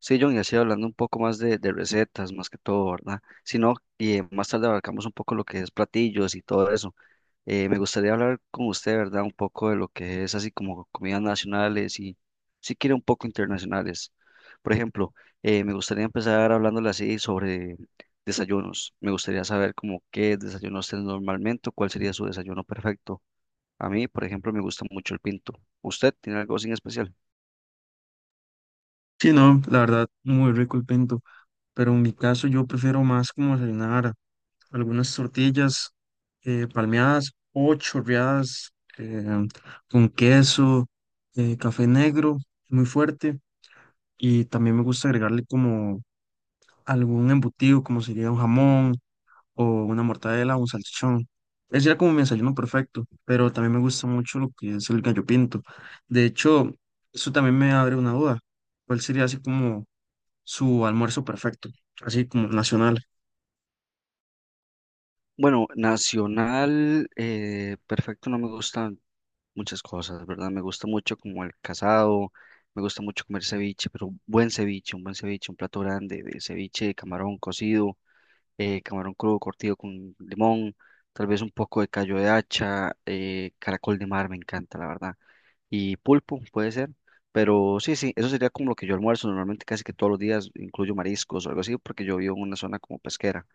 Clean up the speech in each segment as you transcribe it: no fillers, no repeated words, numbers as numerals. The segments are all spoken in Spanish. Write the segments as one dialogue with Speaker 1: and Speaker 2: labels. Speaker 1: Sí, John, y así hablando un poco más de recetas, más que todo, ¿verdad? Si no, y más tarde abarcamos un poco lo que es platillos y todo eso. Me gustaría hablar con usted, ¿verdad? Un poco de lo que es así como comidas nacionales y, si quiere, un poco internacionales. Por ejemplo, me gustaría empezar hablándole así sobre desayunos. Me gustaría saber como qué desayuno usted normalmente, o cuál sería su desayuno perfecto. A mí, por ejemplo, me gusta mucho el pinto. ¿Usted tiene algo así en especial?
Speaker 2: Sí, no, la verdad, muy rico el pinto, pero en mi caso yo prefiero más como desayunar algunas tortillas palmeadas o chorreadas, con queso, café negro, muy fuerte, y también me gusta agregarle como algún embutido, como sería un jamón o una mortadela o un salchichón. Ese era como mi desayuno perfecto, pero también me gusta mucho lo que es el gallo pinto. De hecho, eso también me abre una duda. ¿Cuál sería así como su almuerzo perfecto, así como nacional?
Speaker 1: Bueno, nacional, perfecto, no me gustan muchas cosas, ¿verdad? Me gusta mucho como el casado, me gusta mucho comer ceviche, pero un buen ceviche, un buen ceviche, un plato grande de ceviche de camarón cocido, camarón crudo curtido con limón, tal vez un poco de callo de hacha, caracol de mar, me encanta, la verdad. Y pulpo, puede ser, pero sí, sí, eso sería como lo que yo almuerzo normalmente casi que todos los días, incluyo mariscos o algo así, porque yo vivo en una zona como pesquera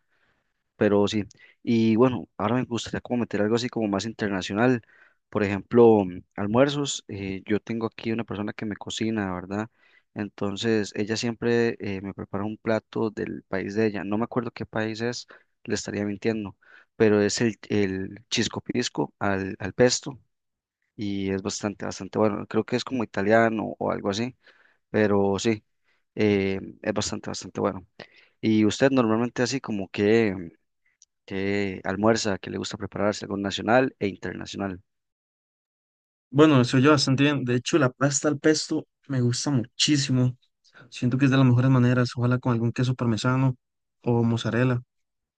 Speaker 1: pero sí. Y bueno, ahora me gustaría como meter algo así como más internacional. Por ejemplo, almuerzos. Yo tengo aquí una persona que me cocina, ¿verdad? Entonces, ella siempre me prepara un plato del país de ella. No me acuerdo qué país es, le estaría mintiendo, pero es el chisco pisco al pesto y es bastante, bastante bueno. Creo que es como italiano o algo así, pero sí, es bastante, bastante bueno. ¿Y usted normalmente así como que almuerza, que le gusta prepararse algo nacional e internacional?
Speaker 2: Bueno, eso yo bastante bien. De hecho, la pasta al pesto me gusta muchísimo. Siento que es de las mejores maneras, ojalá con algún queso parmesano o mozzarella.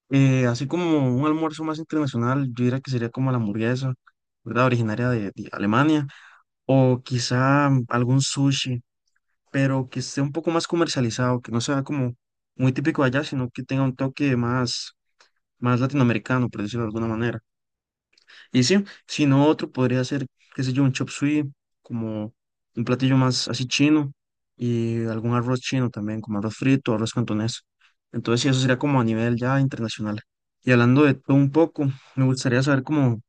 Speaker 2: Así como un almuerzo más internacional, yo diría que sería como la hamburguesa, ¿verdad? Originaria de Alemania, o quizá algún sushi, pero que esté un poco más comercializado, que no sea como muy típico de allá, sino que tenga un toque más, más latinoamericano, por decirlo de alguna manera. Y sí, si no otro podría ser, qué sé yo, un chop suey, como un platillo más así chino y algún arroz chino también, como arroz frito, arroz cantonés. Entonces sí, eso sería como a nivel ya internacional. Y hablando de todo un poco, me gustaría saber como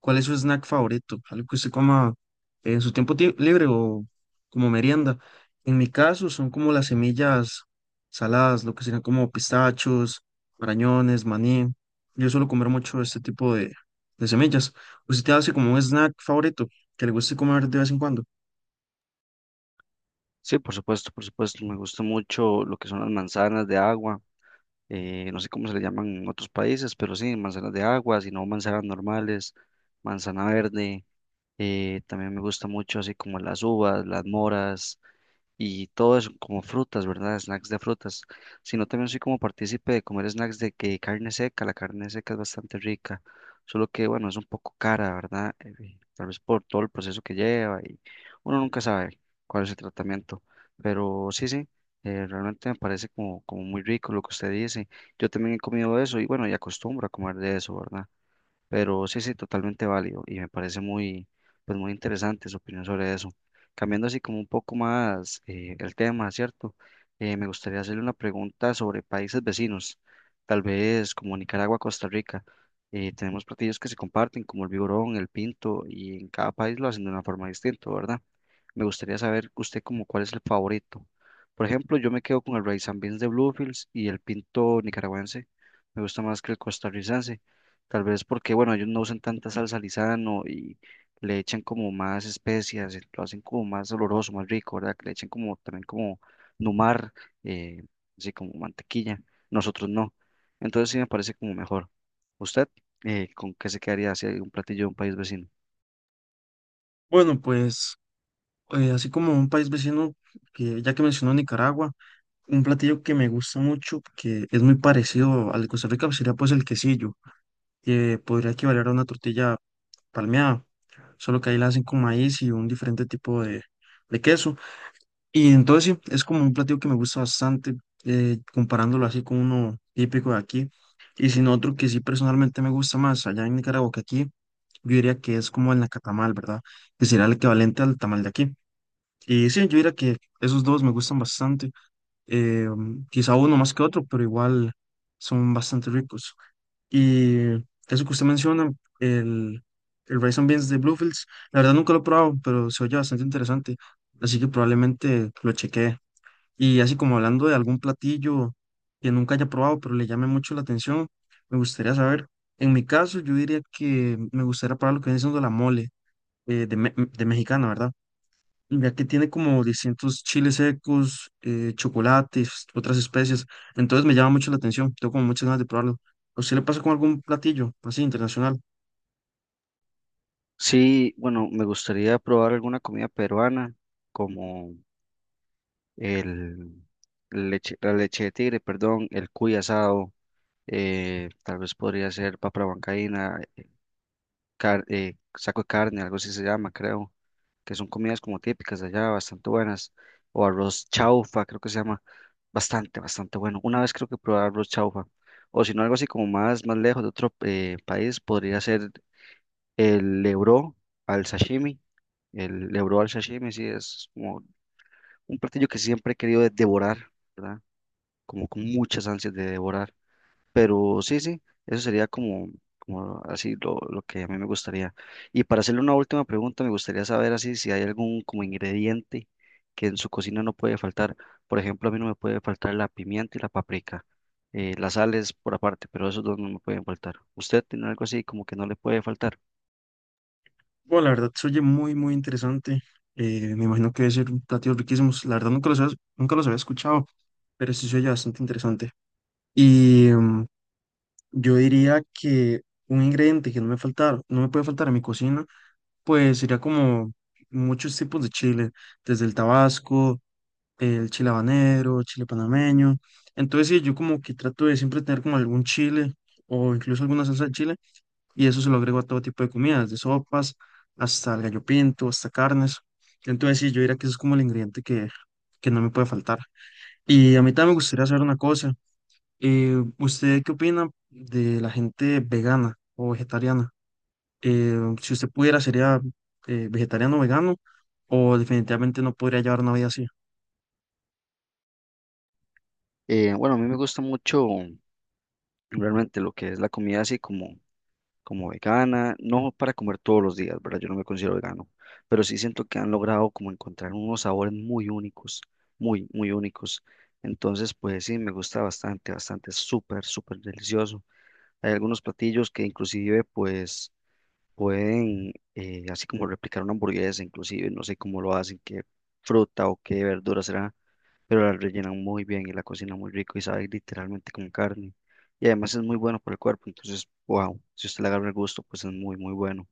Speaker 2: ¿cuál es su snack favorito? Algo que usted coma en su tiempo libre o como merienda. En mi caso son como las semillas saladas, lo que serían como pistachos, marañones, maní. Yo suelo comer mucho este tipo de semillas. ¿Usted hace como un snack favorito que le guste comer de vez en cuando?
Speaker 1: Sí, por supuesto, me gusta mucho lo que son las manzanas de agua, no sé cómo se le llaman en otros países, pero sí, manzanas de agua, si no manzanas normales, manzana verde, también me gusta mucho así como las uvas, las moras y todo eso, como frutas, ¿verdad? Snacks de frutas, sino también soy como partícipe de comer snacks de que carne seca, la carne seca es bastante rica, solo que bueno, es un poco cara, ¿verdad? Tal vez por todo el proceso que lleva y uno nunca sabe cuál es el tratamiento, pero sí, sí, realmente me parece como, como muy rico lo que usted dice. Yo también he comido eso y bueno, y acostumbro a comer de eso, ¿verdad? Pero sí, sí, totalmente válido y me parece muy, pues muy interesante su opinión sobre eso. Cambiando así como un poco más el tema, ¿cierto? Me gustaría hacerle una pregunta sobre países vecinos, tal vez como Nicaragua, Costa Rica. Tenemos platillos que se comparten, como el vigorón, el pinto, y en cada país lo hacen de una forma distinta, ¿verdad? Me gustaría saber usted como cuál es el favorito. Por ejemplo, yo me quedo con el rice and beans de Bluefields y el pinto nicaragüense. Me gusta más que el costarricense. Tal vez porque, bueno, ellos no usan tanta salsa Lizano y le echan como más especias, lo hacen como más oloroso, más rico, ¿verdad? Que le echan como también como numar, eh, así como mantequilla. Nosotros no. Entonces sí me parece como mejor. ¿Usted con qué se quedaría si hay un platillo de un país vecino?
Speaker 2: Bueno, pues así como un país vecino, que ya que mencionó Nicaragua, un platillo que me gusta mucho, que es muy parecido al de Costa Rica, sería pues el quesillo que podría equivaler a una tortilla palmeada, solo que ahí la hacen con maíz y un diferente tipo de queso. Y entonces sí, es como un platillo que me gusta bastante, comparándolo así con uno típico de aquí. Y sin otro que sí personalmente me gusta más allá en Nicaragua que aquí, yo diría que es como el nacatamal, ¿verdad? Que sería el equivalente al tamal de aquí. Y sí, yo diría que esos dos me gustan bastante, eh, quizá uno más que otro, pero igual son bastante ricos. Y eso que usted menciona, el, el Rice and Beans de Bluefields, la verdad nunca lo he probado, pero se oye bastante interesante, así que probablemente lo chequee. Y así como hablando de algún platillo que nunca haya probado, pero le llame mucho la atención, me gustaría saber. En mi caso, yo diría que me gustaría probar lo que viene siendo la mole de mexicana, ¿verdad? Ya que tiene como distintos chiles secos, chocolates, otras especies. Entonces me llama mucho la atención, tengo como muchas ganas de probarlo. ¿A usted le pasa con algún platillo así internacional?
Speaker 1: Sí, bueno, me gustaría probar alguna comida peruana como el leche, la leche de tigre, perdón, el cuy asado, tal vez podría ser papa huancaína, saco de carne, algo así se llama, creo, que son comidas como típicas de allá, bastante buenas, o arroz chaufa, creo que se llama, bastante, bastante bueno. Una vez creo que probé arroz chaufa, o si no, algo así como más, más lejos de otro país, podría ser el lebró al sashimi, el lebró al sashimi, sí, es como un platillo que siempre he querido devorar, ¿verdad? Como con muchas ansias de devorar. Pero sí, sí, eso sería como, como así lo que a mí me gustaría. Y para hacerle una última pregunta, me gustaría saber así si hay algún como ingrediente que en su cocina no puede faltar. Por ejemplo, a mí no me puede faltar la pimienta y la paprika. Las sales por aparte, pero esos dos no me pueden faltar. ¿Usted tiene algo así como que no le puede faltar?
Speaker 2: Bueno, la verdad se oye muy, muy interesante. Me imagino que debe ser platillos riquísimos. La verdad nunca los había escuchado, pero sí se oye bastante interesante. Y mm, yo diría que un ingrediente que no me puede faltar en mi cocina. Pues sería como muchos tipos de chile, desde el tabasco, el chile habanero, chile panameño. Entonces, sí, yo como que trato de siempre tener como algún chile o incluso alguna salsa de chile y eso se lo agrego a todo tipo de comidas, de sopas hasta el gallo pinto, hasta carnes. Entonces, sí, yo diría que eso es como el ingrediente que no me puede faltar. Y a mí también me gustaría saber una cosa. ¿Usted qué opina de la gente vegana o vegetariana? ¿Eh, si usted pudiera, sería vegetariano o vegano o definitivamente no podría llevar una vida así?
Speaker 1: Bueno, a mí me gusta mucho realmente lo que es la comida así como como vegana, no para comer todos los días, ¿verdad? Yo no me considero vegano, pero sí siento que han logrado como encontrar unos sabores muy únicos, muy, muy únicos. Entonces, pues sí, me gusta bastante, bastante, es súper, súper delicioso. Hay algunos platillos que inclusive pues pueden, así como replicar una hamburguesa, inclusive, no sé cómo lo hacen, qué fruta o qué verduras serán pero la rellenan muy bien y la cocinan muy rico y sabe literalmente como carne. Y además es muy bueno para el cuerpo, entonces, wow, si usted le agarra el gusto, pues es muy, muy bueno.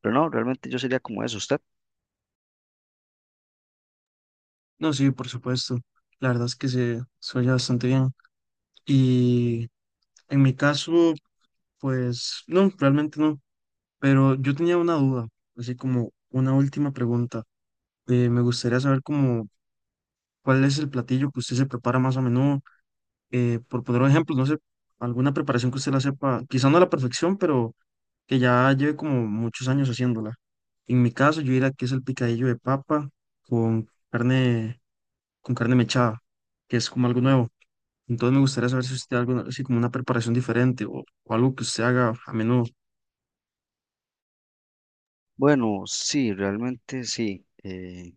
Speaker 1: Pero no, realmente yo sería como eso, ¿usted?
Speaker 2: No, sí, por supuesto. La verdad es que se oye bastante bien. Y en mi caso, pues no, realmente no. Pero yo tenía una duda, así como una última pregunta. Me gustaría saber como cuál es el platillo que usted se prepara más a menudo. Por poner un ejemplo, no sé, alguna preparación que usted la sepa, quizá no a la perfección, pero que ya lleve como muchos años haciéndola. En mi caso, yo diría que es el picadillo de papa con carne, con carne mechada, que es como algo nuevo. Entonces me gustaría saber si usted tiene algo así como una preparación diferente o algo que usted haga a menudo.
Speaker 1: Bueno, sí, realmente sí.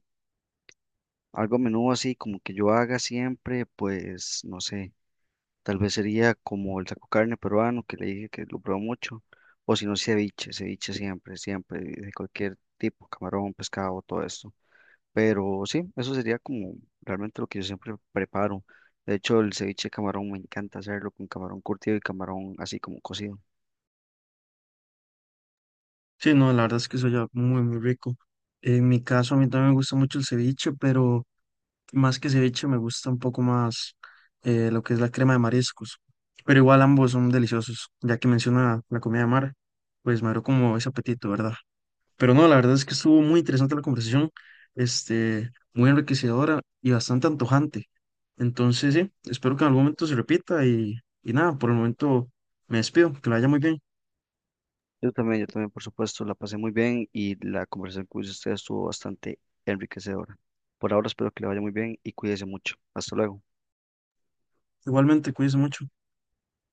Speaker 1: Algo a menudo así, como que yo haga siempre, pues no sé, tal vez sería como el taco carne peruano, que le dije que lo probó mucho, o si no, ceviche, ceviche siempre, siempre, de cualquier tipo, camarón, pescado, todo esto. Pero sí, eso sería como realmente lo que yo siempre preparo. De hecho, el ceviche de camarón me encanta hacerlo con camarón curtido y camarón así como cocido.
Speaker 2: Sí, no, la verdad es que soy ya muy, muy rico. En mi caso, a mí también me gusta mucho el ceviche, pero más que ceviche me gusta un poco más lo que es la crema de mariscos. Pero igual ambos son deliciosos, ya que menciona la comida de mar, pues me abrió como ese apetito, ¿verdad? Pero no, la verdad es que estuvo muy interesante la conversación, este, muy enriquecedora y bastante antojante. Entonces, sí, espero que en algún momento se repita y nada, por el momento me despido, que la haya muy bien.
Speaker 1: Yo también, por supuesto, la pasé muy bien y la conversación con usted estuvo bastante enriquecedora. Por ahora espero que le vaya muy bien y cuídese mucho. Hasta luego.
Speaker 2: Igualmente, cuídense mucho.